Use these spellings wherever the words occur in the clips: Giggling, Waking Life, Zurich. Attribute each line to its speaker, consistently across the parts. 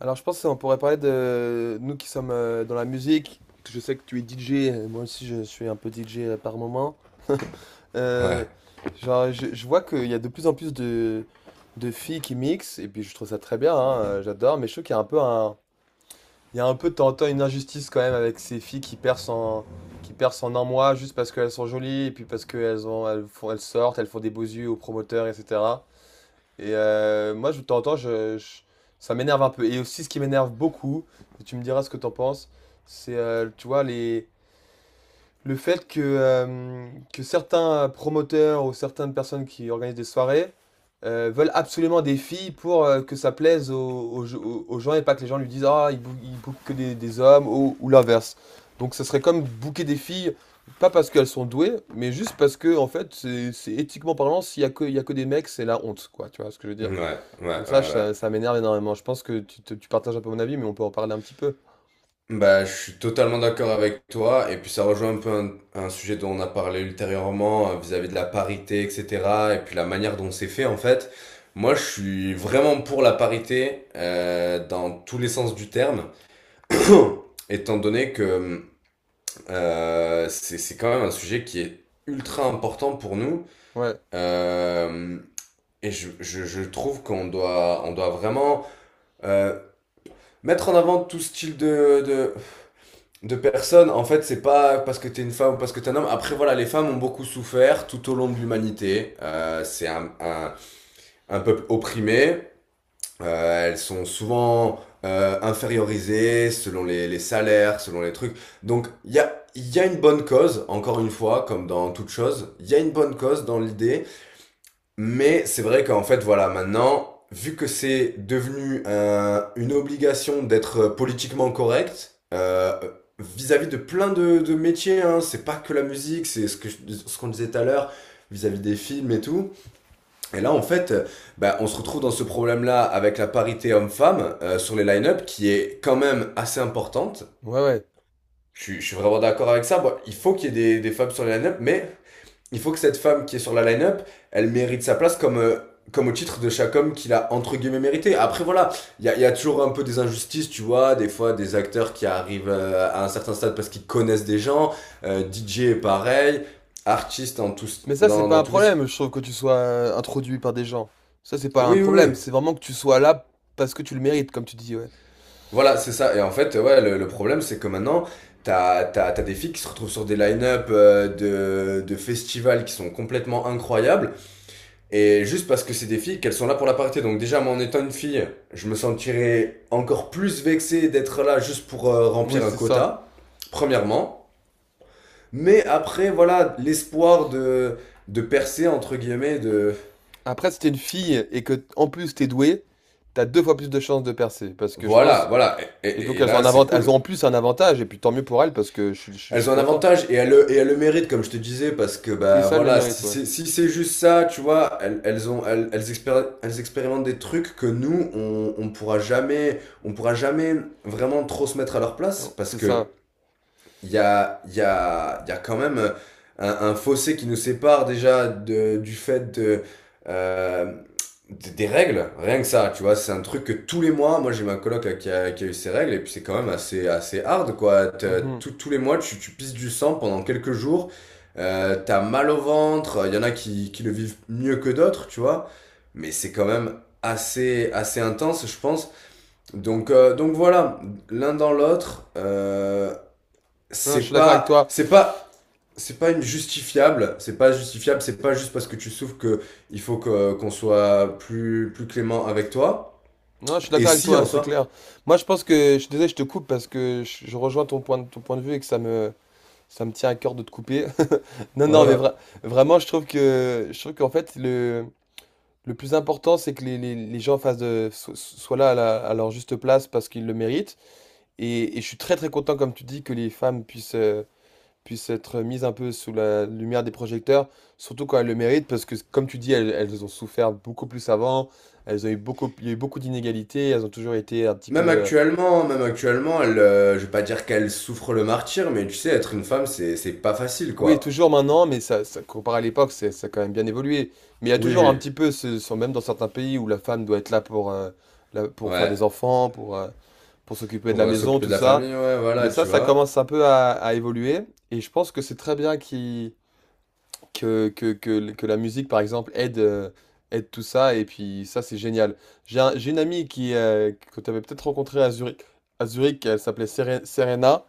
Speaker 1: Alors je pense qu'on pourrait parler de nous qui sommes dans la musique. Je sais que tu es DJ, moi aussi je suis un peu DJ par moment. Euh,
Speaker 2: Ouais,
Speaker 1: je vois qu'il y a de plus en plus de filles qui mixent et puis je trouve ça très bien, hein, j'adore, mais je trouve qu'il y a un peu il y a un peu de temps en temps une injustice quand même avec ces filles en, qui percent en un mois juste parce qu'elles sont jolies et puis parce qu'elles ont, elles font, elles sortent, elles font des beaux yeux aux promoteurs, etc. Et moi, je de temps en temps, je- ça m'énerve un peu. Et aussi, ce qui m'énerve beaucoup, et tu me diras ce que t'en penses, c'est, tu vois, les, le fait que certains promoteurs ou certaines personnes qui organisent des soirées veulent absolument des filles pour que ça plaise aux gens et pas que les gens lui disent ah, il bouque que des hommes ou l'inverse. Donc, ça serait comme bouquer des filles, pas parce qu'elles sont douées, mais juste parce que, en fait, c'est éthiquement parlant, s'il y a que, il y a que des mecs, c'est la honte, quoi. Tu vois ce que je veux dire?
Speaker 2: ouais,
Speaker 1: Et
Speaker 2: ouais, ouais, ouais.
Speaker 1: ça m'énerve énormément. Je pense que tu partages un peu mon avis, mais on peut en parler un petit peu.
Speaker 2: Bah, je suis totalement d'accord avec toi. Et puis, ça rejoint un peu un sujet dont on a parlé ultérieurement, vis-à-vis de la parité, etc. Et puis, la manière dont c'est fait, en fait. Moi, je suis vraiment pour la parité, dans tous les sens du terme, étant donné que c'est quand même un sujet qui est ultra important pour nous.
Speaker 1: Ouais,
Speaker 2: Euh, je trouve qu'on doit vraiment euh, mettre en avant tout style de personnes, en fait. C'est pas parce que t'es une femme ou parce que t'es un homme. Après, voilà, les femmes ont beaucoup souffert tout au long de l'humanité. C'est un peuple opprimé. Elles sont souvent infériorisées selon les salaires, selon les trucs. Donc, il y a une bonne cause, encore une fois, comme dans toute chose. Il y a une bonne cause dans l'idée, mais c'est vrai qu'en fait, voilà, maintenant, vu que c'est devenu une obligation d'être, politiquement correct, vis-à-vis de plein de métiers, hein. C'est pas que la musique, c'est ce ce qu'on disait tout à l'heure, vis-à-vis des films et tout. Et là, en fait, on se retrouve dans ce problème-là avec la parité homme-femme sur les line-up, qui est quand même assez importante.
Speaker 1: ouais, ouais.
Speaker 2: Je suis vraiment d'accord avec ça. Bon, il faut qu'il y ait des femmes sur les line-up, mais il faut que cette femme qui est sur la line-up, elle mérite sa place comme, comme au titre de chaque homme qu'il a entre guillemets mérité. Après, voilà, il y a toujours un peu des injustices, tu vois, des fois des acteurs qui arrivent, à un certain stade parce qu'ils connaissent des gens. DJ est pareil, artiste dans tous,
Speaker 1: Mais ça, c'est
Speaker 2: dans,
Speaker 1: pas
Speaker 2: dans
Speaker 1: un
Speaker 2: tous les...
Speaker 1: problème, je trouve, que tu sois introduit par des gens. Ça, c'est pas un
Speaker 2: Oui, oui, oui.
Speaker 1: problème. C'est vraiment que tu sois là parce que tu le mérites, comme tu dis, ouais.
Speaker 2: Voilà, c'est ça. Et en fait, ouais, le problème, c'est que maintenant, t'as des filles qui se retrouvent sur des line-up, de festivals qui sont complètement incroyables. Et juste parce que c'est des filles, qu'elles sont là pour la parité. Donc déjà, moi, en étant une fille, je me sentirais encore plus vexé d'être là juste pour,
Speaker 1: Oui,
Speaker 2: remplir un
Speaker 1: c'est ça.
Speaker 2: quota, premièrement. Mais après, voilà, l'espoir de percer, entre guillemets, de...
Speaker 1: Après, si t'es une fille et que, en plus, t'es douée, t'as deux fois plus de chances de percer. Parce que je
Speaker 2: Voilà,
Speaker 1: pense.
Speaker 2: voilà. Et,
Speaker 1: Et
Speaker 2: et-
Speaker 1: donc,
Speaker 2: et
Speaker 1: elles ont
Speaker 2: là,
Speaker 1: un
Speaker 2: c'est
Speaker 1: avant... elles ont
Speaker 2: cool.
Speaker 1: en plus un avantage, et puis tant mieux pour elles, parce que je
Speaker 2: Elles
Speaker 1: suis
Speaker 2: ont un
Speaker 1: content.
Speaker 2: avantage et elles le méritent, comme je te disais, parce que
Speaker 1: Oui,
Speaker 2: bah
Speaker 1: ça, elles le
Speaker 2: voilà,
Speaker 1: mérite,
Speaker 2: si
Speaker 1: ouais.
Speaker 2: c'est si c'est juste ça, tu vois. Elles, elles ont elles, elles expéri- elles expérimentent des trucs que nous on, on pourra jamais vraiment trop se mettre à leur place,
Speaker 1: Bon,
Speaker 2: parce
Speaker 1: c'est
Speaker 2: que
Speaker 1: ça.
Speaker 2: il y a, il y a, il y a quand même, un fossé qui nous sépare déjà du fait de, euh, des règles, rien que ça, tu vois. C'est un truc que tous les mois, moi j'ai ma coloc là, qui a eu ses règles, et puis c'est quand même assez, assez hard, quoi. T'as-
Speaker 1: Mhm.
Speaker 2: tous tous les mois tu pisses du sang pendant quelques jours, t'as mal au ventre. Il y en a qui le vivent mieux que d'autres, tu vois, mais c'est quand même assez, assez intense, je pense. Donc voilà, l'un dans l'autre,
Speaker 1: Non, je suis
Speaker 2: c'est
Speaker 1: d'accord avec
Speaker 2: pas
Speaker 1: toi.
Speaker 2: c'est pas c'est pas une justifiable, c'est pas juste parce que tu souffres que il faut que qu'on soit plus clément avec toi.
Speaker 1: Non, je suis
Speaker 2: Et
Speaker 1: d'accord avec
Speaker 2: si
Speaker 1: toi,
Speaker 2: en
Speaker 1: c'est
Speaker 2: soi,
Speaker 1: clair. Moi, je pense que, je suis désolé, je te coupe parce que je rejoins ton ton point de vue et que ça me tient à cœur de te couper. Non, non, mais
Speaker 2: euh,
Speaker 1: vra- vraiment, je trouve qu'en fait, le plus important, c'est que les gens fassent soient là à leur juste place parce qu'ils le méritent. Et je suis très content, comme tu dis, que les femmes puissent être mises un peu sous la lumière des projecteurs, surtout quand elles le méritent, parce que, comme tu dis, elles ont souffert beaucoup plus avant. Elles ont eu beaucoup, il y a eu beaucoup d'inégalités, elles ont toujours été un petit peu
Speaker 2: même actuellement, je vais pas dire qu'elle souffre le martyr, mais tu sais, être une femme, c'est pas facile
Speaker 1: oui,
Speaker 2: quoi.
Speaker 1: toujours maintenant, mais ça comparé à l'époque, ça a quand même bien évolué. Mais il y a
Speaker 2: Oui,
Speaker 1: toujours un
Speaker 2: oui,
Speaker 1: petit peu, même dans certains pays où la femme doit être là pour faire des
Speaker 2: ouais.
Speaker 1: enfants, pour s'occuper de
Speaker 2: Pour,
Speaker 1: la maison,
Speaker 2: s'occuper
Speaker 1: tout
Speaker 2: de la
Speaker 1: ça.
Speaker 2: famille, ouais, voilà,
Speaker 1: Mais ça,
Speaker 2: tu
Speaker 1: ça
Speaker 2: vois.
Speaker 1: commence un peu à évoluer. Et je pense que c'est très bien que la musique, par exemple, aide, aide tout ça. Et puis ça, c'est génial. J'ai une amie qui, que tu avais peut-être rencontrée à Zurich, elle s'appelait Serena.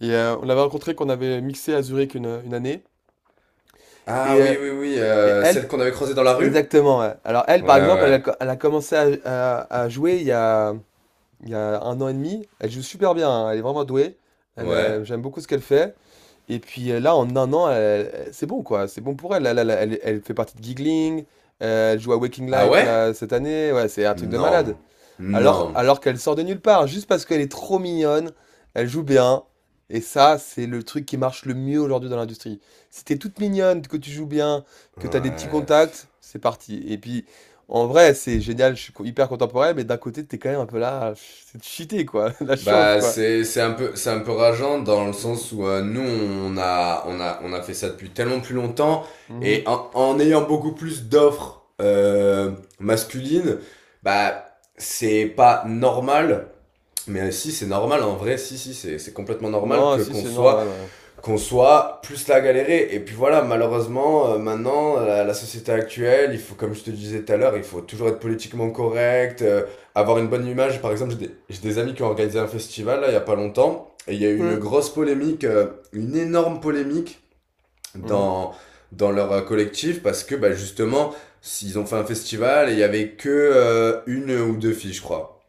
Speaker 1: Et on l'avait rencontrée qu'on avait mixé à Zurich une année.
Speaker 2: Ah,
Speaker 1: Et
Speaker 2: oui, oui, oui,
Speaker 1: et elle,
Speaker 2: celle qu'on avait croisée dans la rue?
Speaker 1: exactement. Ouais. Alors elle,
Speaker 2: Ouais,
Speaker 1: par exemple,
Speaker 2: ouais,
Speaker 1: elle a commencé à jouer il y a un an et demi. Elle joue super bien, hein, elle est vraiment douée. Elle,
Speaker 2: ouais.
Speaker 1: j'aime beaucoup ce qu'elle fait. Et puis là, en un an, c'est bon quoi. C'est bon pour elle. Elle fait partie de Giggling. Euh, elle joue à Waking
Speaker 2: Ah,
Speaker 1: Life
Speaker 2: ouais?
Speaker 1: là, cette année. Ouais, c'est un truc de
Speaker 2: Non,
Speaker 1: malade.
Speaker 2: non.
Speaker 1: Alors qu'elle sort de nulle part, juste parce qu'elle est trop mignonne, elle joue bien. Et ça, c'est le truc qui marche le mieux aujourd'hui dans l'industrie. Si t'es toute mignonne, que tu joues bien, que t'as des petits
Speaker 2: Ouais.
Speaker 1: contacts, c'est parti. Et puis, en vrai, c'est génial, hyper contemporain, mais d'un côté, t'es quand même un peu là, c'est cheaté, quoi. La chance,
Speaker 2: Bah
Speaker 1: quoi.
Speaker 2: c'est un peu rageant dans le
Speaker 1: Mm,
Speaker 2: sens où, nous on a fait ça depuis tellement plus longtemps et
Speaker 1: mhm.
Speaker 2: en ayant beaucoup plus d'offres, masculines, bah c'est pas normal, mais si c'est normal, en vrai, si c'est complètement normal
Speaker 1: Non,
Speaker 2: que
Speaker 1: si,
Speaker 2: qu'on
Speaker 1: c'est
Speaker 2: soit
Speaker 1: normal,
Speaker 2: plus là à galérer. Et puis voilà, malheureusement, maintenant, la société actuelle, il faut, comme je te disais tout à l'heure, il faut toujours être politiquement correct, avoir une bonne image. Par exemple, j'ai des amis qui ont organisé un festival, là, il y a pas longtemps, et il y a eu
Speaker 1: ouais.
Speaker 2: une
Speaker 1: Ouais.
Speaker 2: grosse polémique, une énorme polémique
Speaker 1: Mhm,
Speaker 2: dans, dans leur, collectif, parce que, bah, justement, ils ont fait un festival et il y avait que, une ou deux filles, je crois.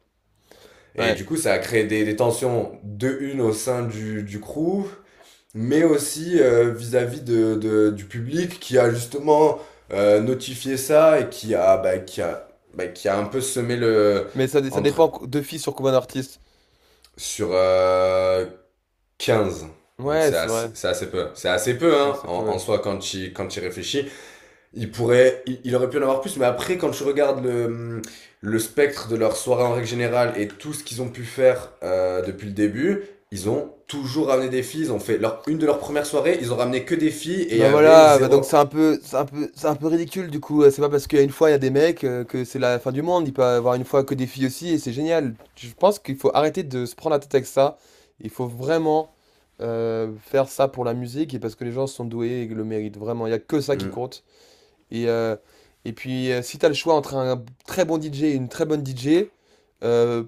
Speaker 2: Et
Speaker 1: ouais.
Speaker 2: du coup, ça a créé des tensions de une au sein du crew, mais aussi, vis-à-vis du public qui a justement, notifié ça et qui a un peu semé le
Speaker 1: Mais ça
Speaker 2: entre
Speaker 1: dépend de filles sur combien d'artistes.
Speaker 2: sur, 15. Donc
Speaker 1: Ouais, c'est vrai.
Speaker 2: c'est assez peu. C'est assez peu,
Speaker 1: Ça,
Speaker 2: hein,
Speaker 1: c'est
Speaker 2: en,
Speaker 1: peu,
Speaker 2: en
Speaker 1: ouais.
Speaker 2: soi, quand quand tu y réfléchis. Il aurait pu en avoir plus, mais après, quand je regarde le spectre de leur soirée en règle générale et tout ce qu'ils ont pu faire, depuis le début, ils ont toujours ramené des filles. Ils ont fait leur, Une de leurs premières soirées, ils ont ramené que des filles et il y
Speaker 1: Bah
Speaker 2: avait
Speaker 1: voilà, bah donc
Speaker 2: zéro.
Speaker 1: c'est un peu, c'est un peu ridicule du coup. C'est pas parce qu'il y a une fois il y a des mecs que c'est la fin du monde. Il peut avoir une fois que des filles aussi et c'est génial. Je pense qu'il faut arrêter de se prendre la tête avec ça. Il faut vraiment faire ça pour la musique et parce que les gens sont doués et le méritent vraiment. Il y a que ça qui
Speaker 2: Hmm,
Speaker 1: compte. Et, euh, si tu as le choix entre un très bon DJ et une très bonne DJ, euh,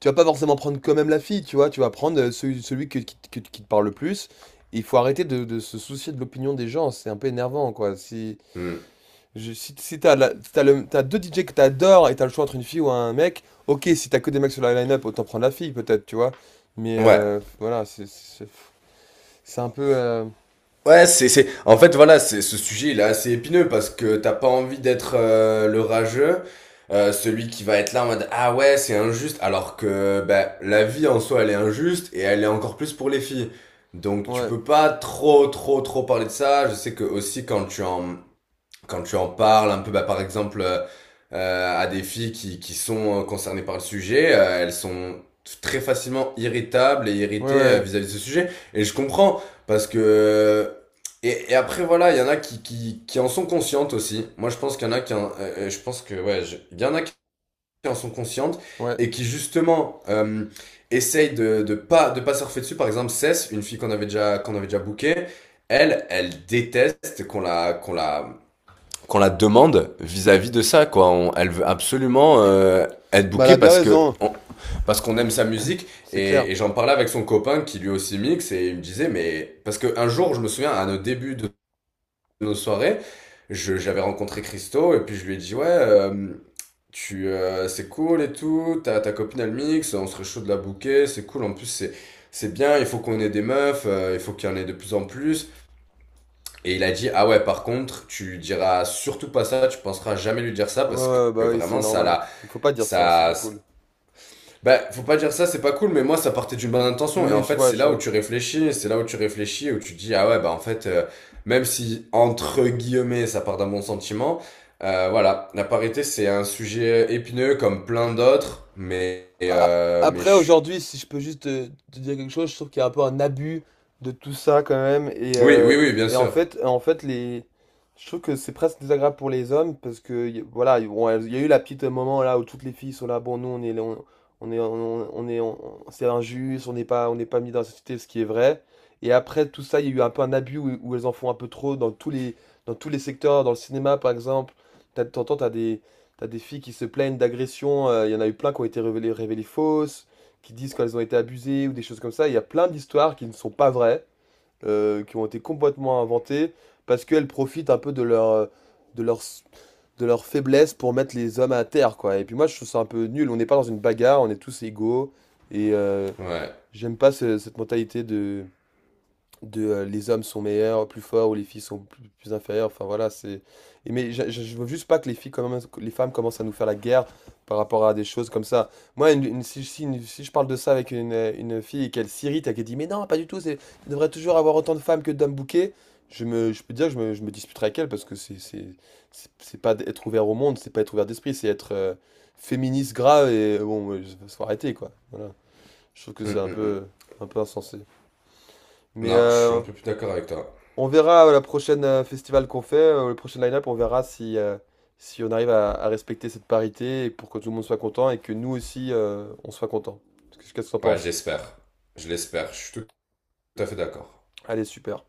Speaker 1: tu vas pas forcément prendre quand même la fille, tu vois. Tu vas prendre celui, qui te parle le plus. Et il faut arrêter de se soucier de l'opinion des gens. C'est un peu énervant, quoi.
Speaker 2: hmm.
Speaker 1: Si t'as t'as deux DJ que t'adores et t'as le choix entre une fille ou un mec, ok, si t'as que des mecs sur la line-up, autant prendre la fille, peut-être, tu vois. Mais
Speaker 2: Ouais.
Speaker 1: voilà, c'est un peu.
Speaker 2: Ouais, c'est, en fait, voilà, c'est, ce sujet, il est assez épineux parce que t'as pas envie d'être, le rageux, celui qui va être là en mode, ah ouais, c'est injuste, alors que, ben, la vie en soi, elle est injuste et elle est encore plus pour les filles. Donc, tu
Speaker 1: Ouais,
Speaker 2: peux pas trop, trop, trop parler de ça. Je sais que aussi, quand tu en parles un peu, bah, par exemple, à des filles qui sont, concernées par le sujet, elles sont très facilement irritables et
Speaker 1: ouais,
Speaker 2: irritées,
Speaker 1: ouais,
Speaker 2: vis-à-vis de ce sujet. Et je comprends, parce que... et après, voilà, il y en a qui en sont conscientes aussi. Moi, je pense qu'il y en a qui je pense que, ouais, il y en a qui en sont conscientes
Speaker 1: ouais.
Speaker 2: et qui, justement, essayent de pas surfer dessus. Par exemple, Cess, une fille qu'on avait déjà bookée, elle, elle déteste qu'on la demande vis-à-vis de ça, quoi. Elle veut absolument, être
Speaker 1: Bah, elle a
Speaker 2: bookée
Speaker 1: bien
Speaker 2: parce
Speaker 1: raison,
Speaker 2: qu'on aime sa musique.
Speaker 1: c'est clair.
Speaker 2: Et j'en parlais avec son copain qui lui aussi mixe et il me disait, mais parce que un jour je me souviens à nos débuts de nos soirées, j'avais rencontré Christo et puis je lui ai dit, ouais, tu c'est cool et tout, ta copine elle mixe, on serait chaud de la booker. C'est cool, en plus c'est bien, il faut qu'on ait des meufs, il faut qu'il y en ait de plus en plus. Et il a dit, ah ouais, par contre, tu diras surtout pas ça, tu penseras jamais lui dire ça
Speaker 1: Ouais,
Speaker 2: parce que
Speaker 1: ouais, bah oui, c'est
Speaker 2: vraiment, ça
Speaker 1: normal.
Speaker 2: l'a,
Speaker 1: Faut pas dire ça, c'est
Speaker 2: ça,
Speaker 1: pas cool.
Speaker 2: bah, faut pas dire ça, c'est pas cool. Mais moi, ça partait d'une bonne
Speaker 1: Oui,
Speaker 2: intention. Et
Speaker 1: oui,
Speaker 2: en
Speaker 1: je
Speaker 2: fait,
Speaker 1: vois,
Speaker 2: c'est
Speaker 1: je
Speaker 2: là où
Speaker 1: vois.
Speaker 2: tu réfléchis, où tu dis, ah ouais, bah, en fait, même si, entre guillemets, ça part d'un bon sentiment, voilà, la parité, c'est un sujet épineux comme plein d'autres, mais
Speaker 1: Après,
Speaker 2: je suis-
Speaker 1: aujourd'hui, si je peux juste te dire quelque chose, je trouve qu'il y a un peu un abus de tout ça quand même.
Speaker 2: Oui, oui, oui, bien sûr.
Speaker 1: En fait les... je trouve que c'est presque désagréable pour les hommes parce que voilà, bon, il y a eu la petite moment là où toutes les filles sont là, bon, nous on est, on est, on est, c'est injuste, on n'est pas mis dans la société, ce qui est vrai. Et après tout ça, il y a eu un peu un abus où elles en font un peu trop dans tous dans tous les secteurs, dans le cinéma par exemple. T'as- T'entends, t'as des T'as des filles qui se plaignent d'agressions, il y en a eu plein qui ont été révélées fausses, qui disent qu'elles ont été abusées ou des choses comme ça. Il y a plein d'histoires qui ne sont pas vraies, qui ont été complètement inventées, parce qu'elles profitent un peu de leur, de leur, de leur faiblesse pour mettre les hommes à terre, quoi. Et puis moi, je trouve ça un peu nul. On n'est pas dans une bagarre, on est tous égaux. Et
Speaker 2: Ouais.
Speaker 1: j'aime pas cette mentalité de, les hommes sont meilleurs, plus forts, ou les filles sont plus, plus inférieures. Enfin voilà, c'est. Mais je veux juste pas que les les femmes commencent à nous faire la guerre par rapport à des choses comme ça. Moi, si je parle de ça avec une fille et qu'elle s'irrite et qu'elle dit mais non, pas du tout, c'est, il devrait toujours avoir autant de femmes que d'hommes bouquets, je peux dire que je me disputerai avec elle parce que c'est c'est pas être ouvert au monde, c'est pas être ouvert d'esprit, c'est être féministe grave et faut arrêter quoi. Voilà. Je trouve que
Speaker 2: Hum,
Speaker 1: c'est
Speaker 2: hum, hum.
Speaker 1: un peu insensé. Mais
Speaker 2: Non, je suis un peu plus d'accord avec toi.
Speaker 1: on verra la prochaine festival qu'on fait, le prochain line-up, on verra si, si on arrive à respecter cette parité et pour que tout le monde soit content et que nous aussi on soit content. Qu'est-ce que tu en
Speaker 2: Ouais,
Speaker 1: penses?
Speaker 2: j'espère. Je l'espère. Je suis tout, tout à fait d'accord.
Speaker 1: Allez, super.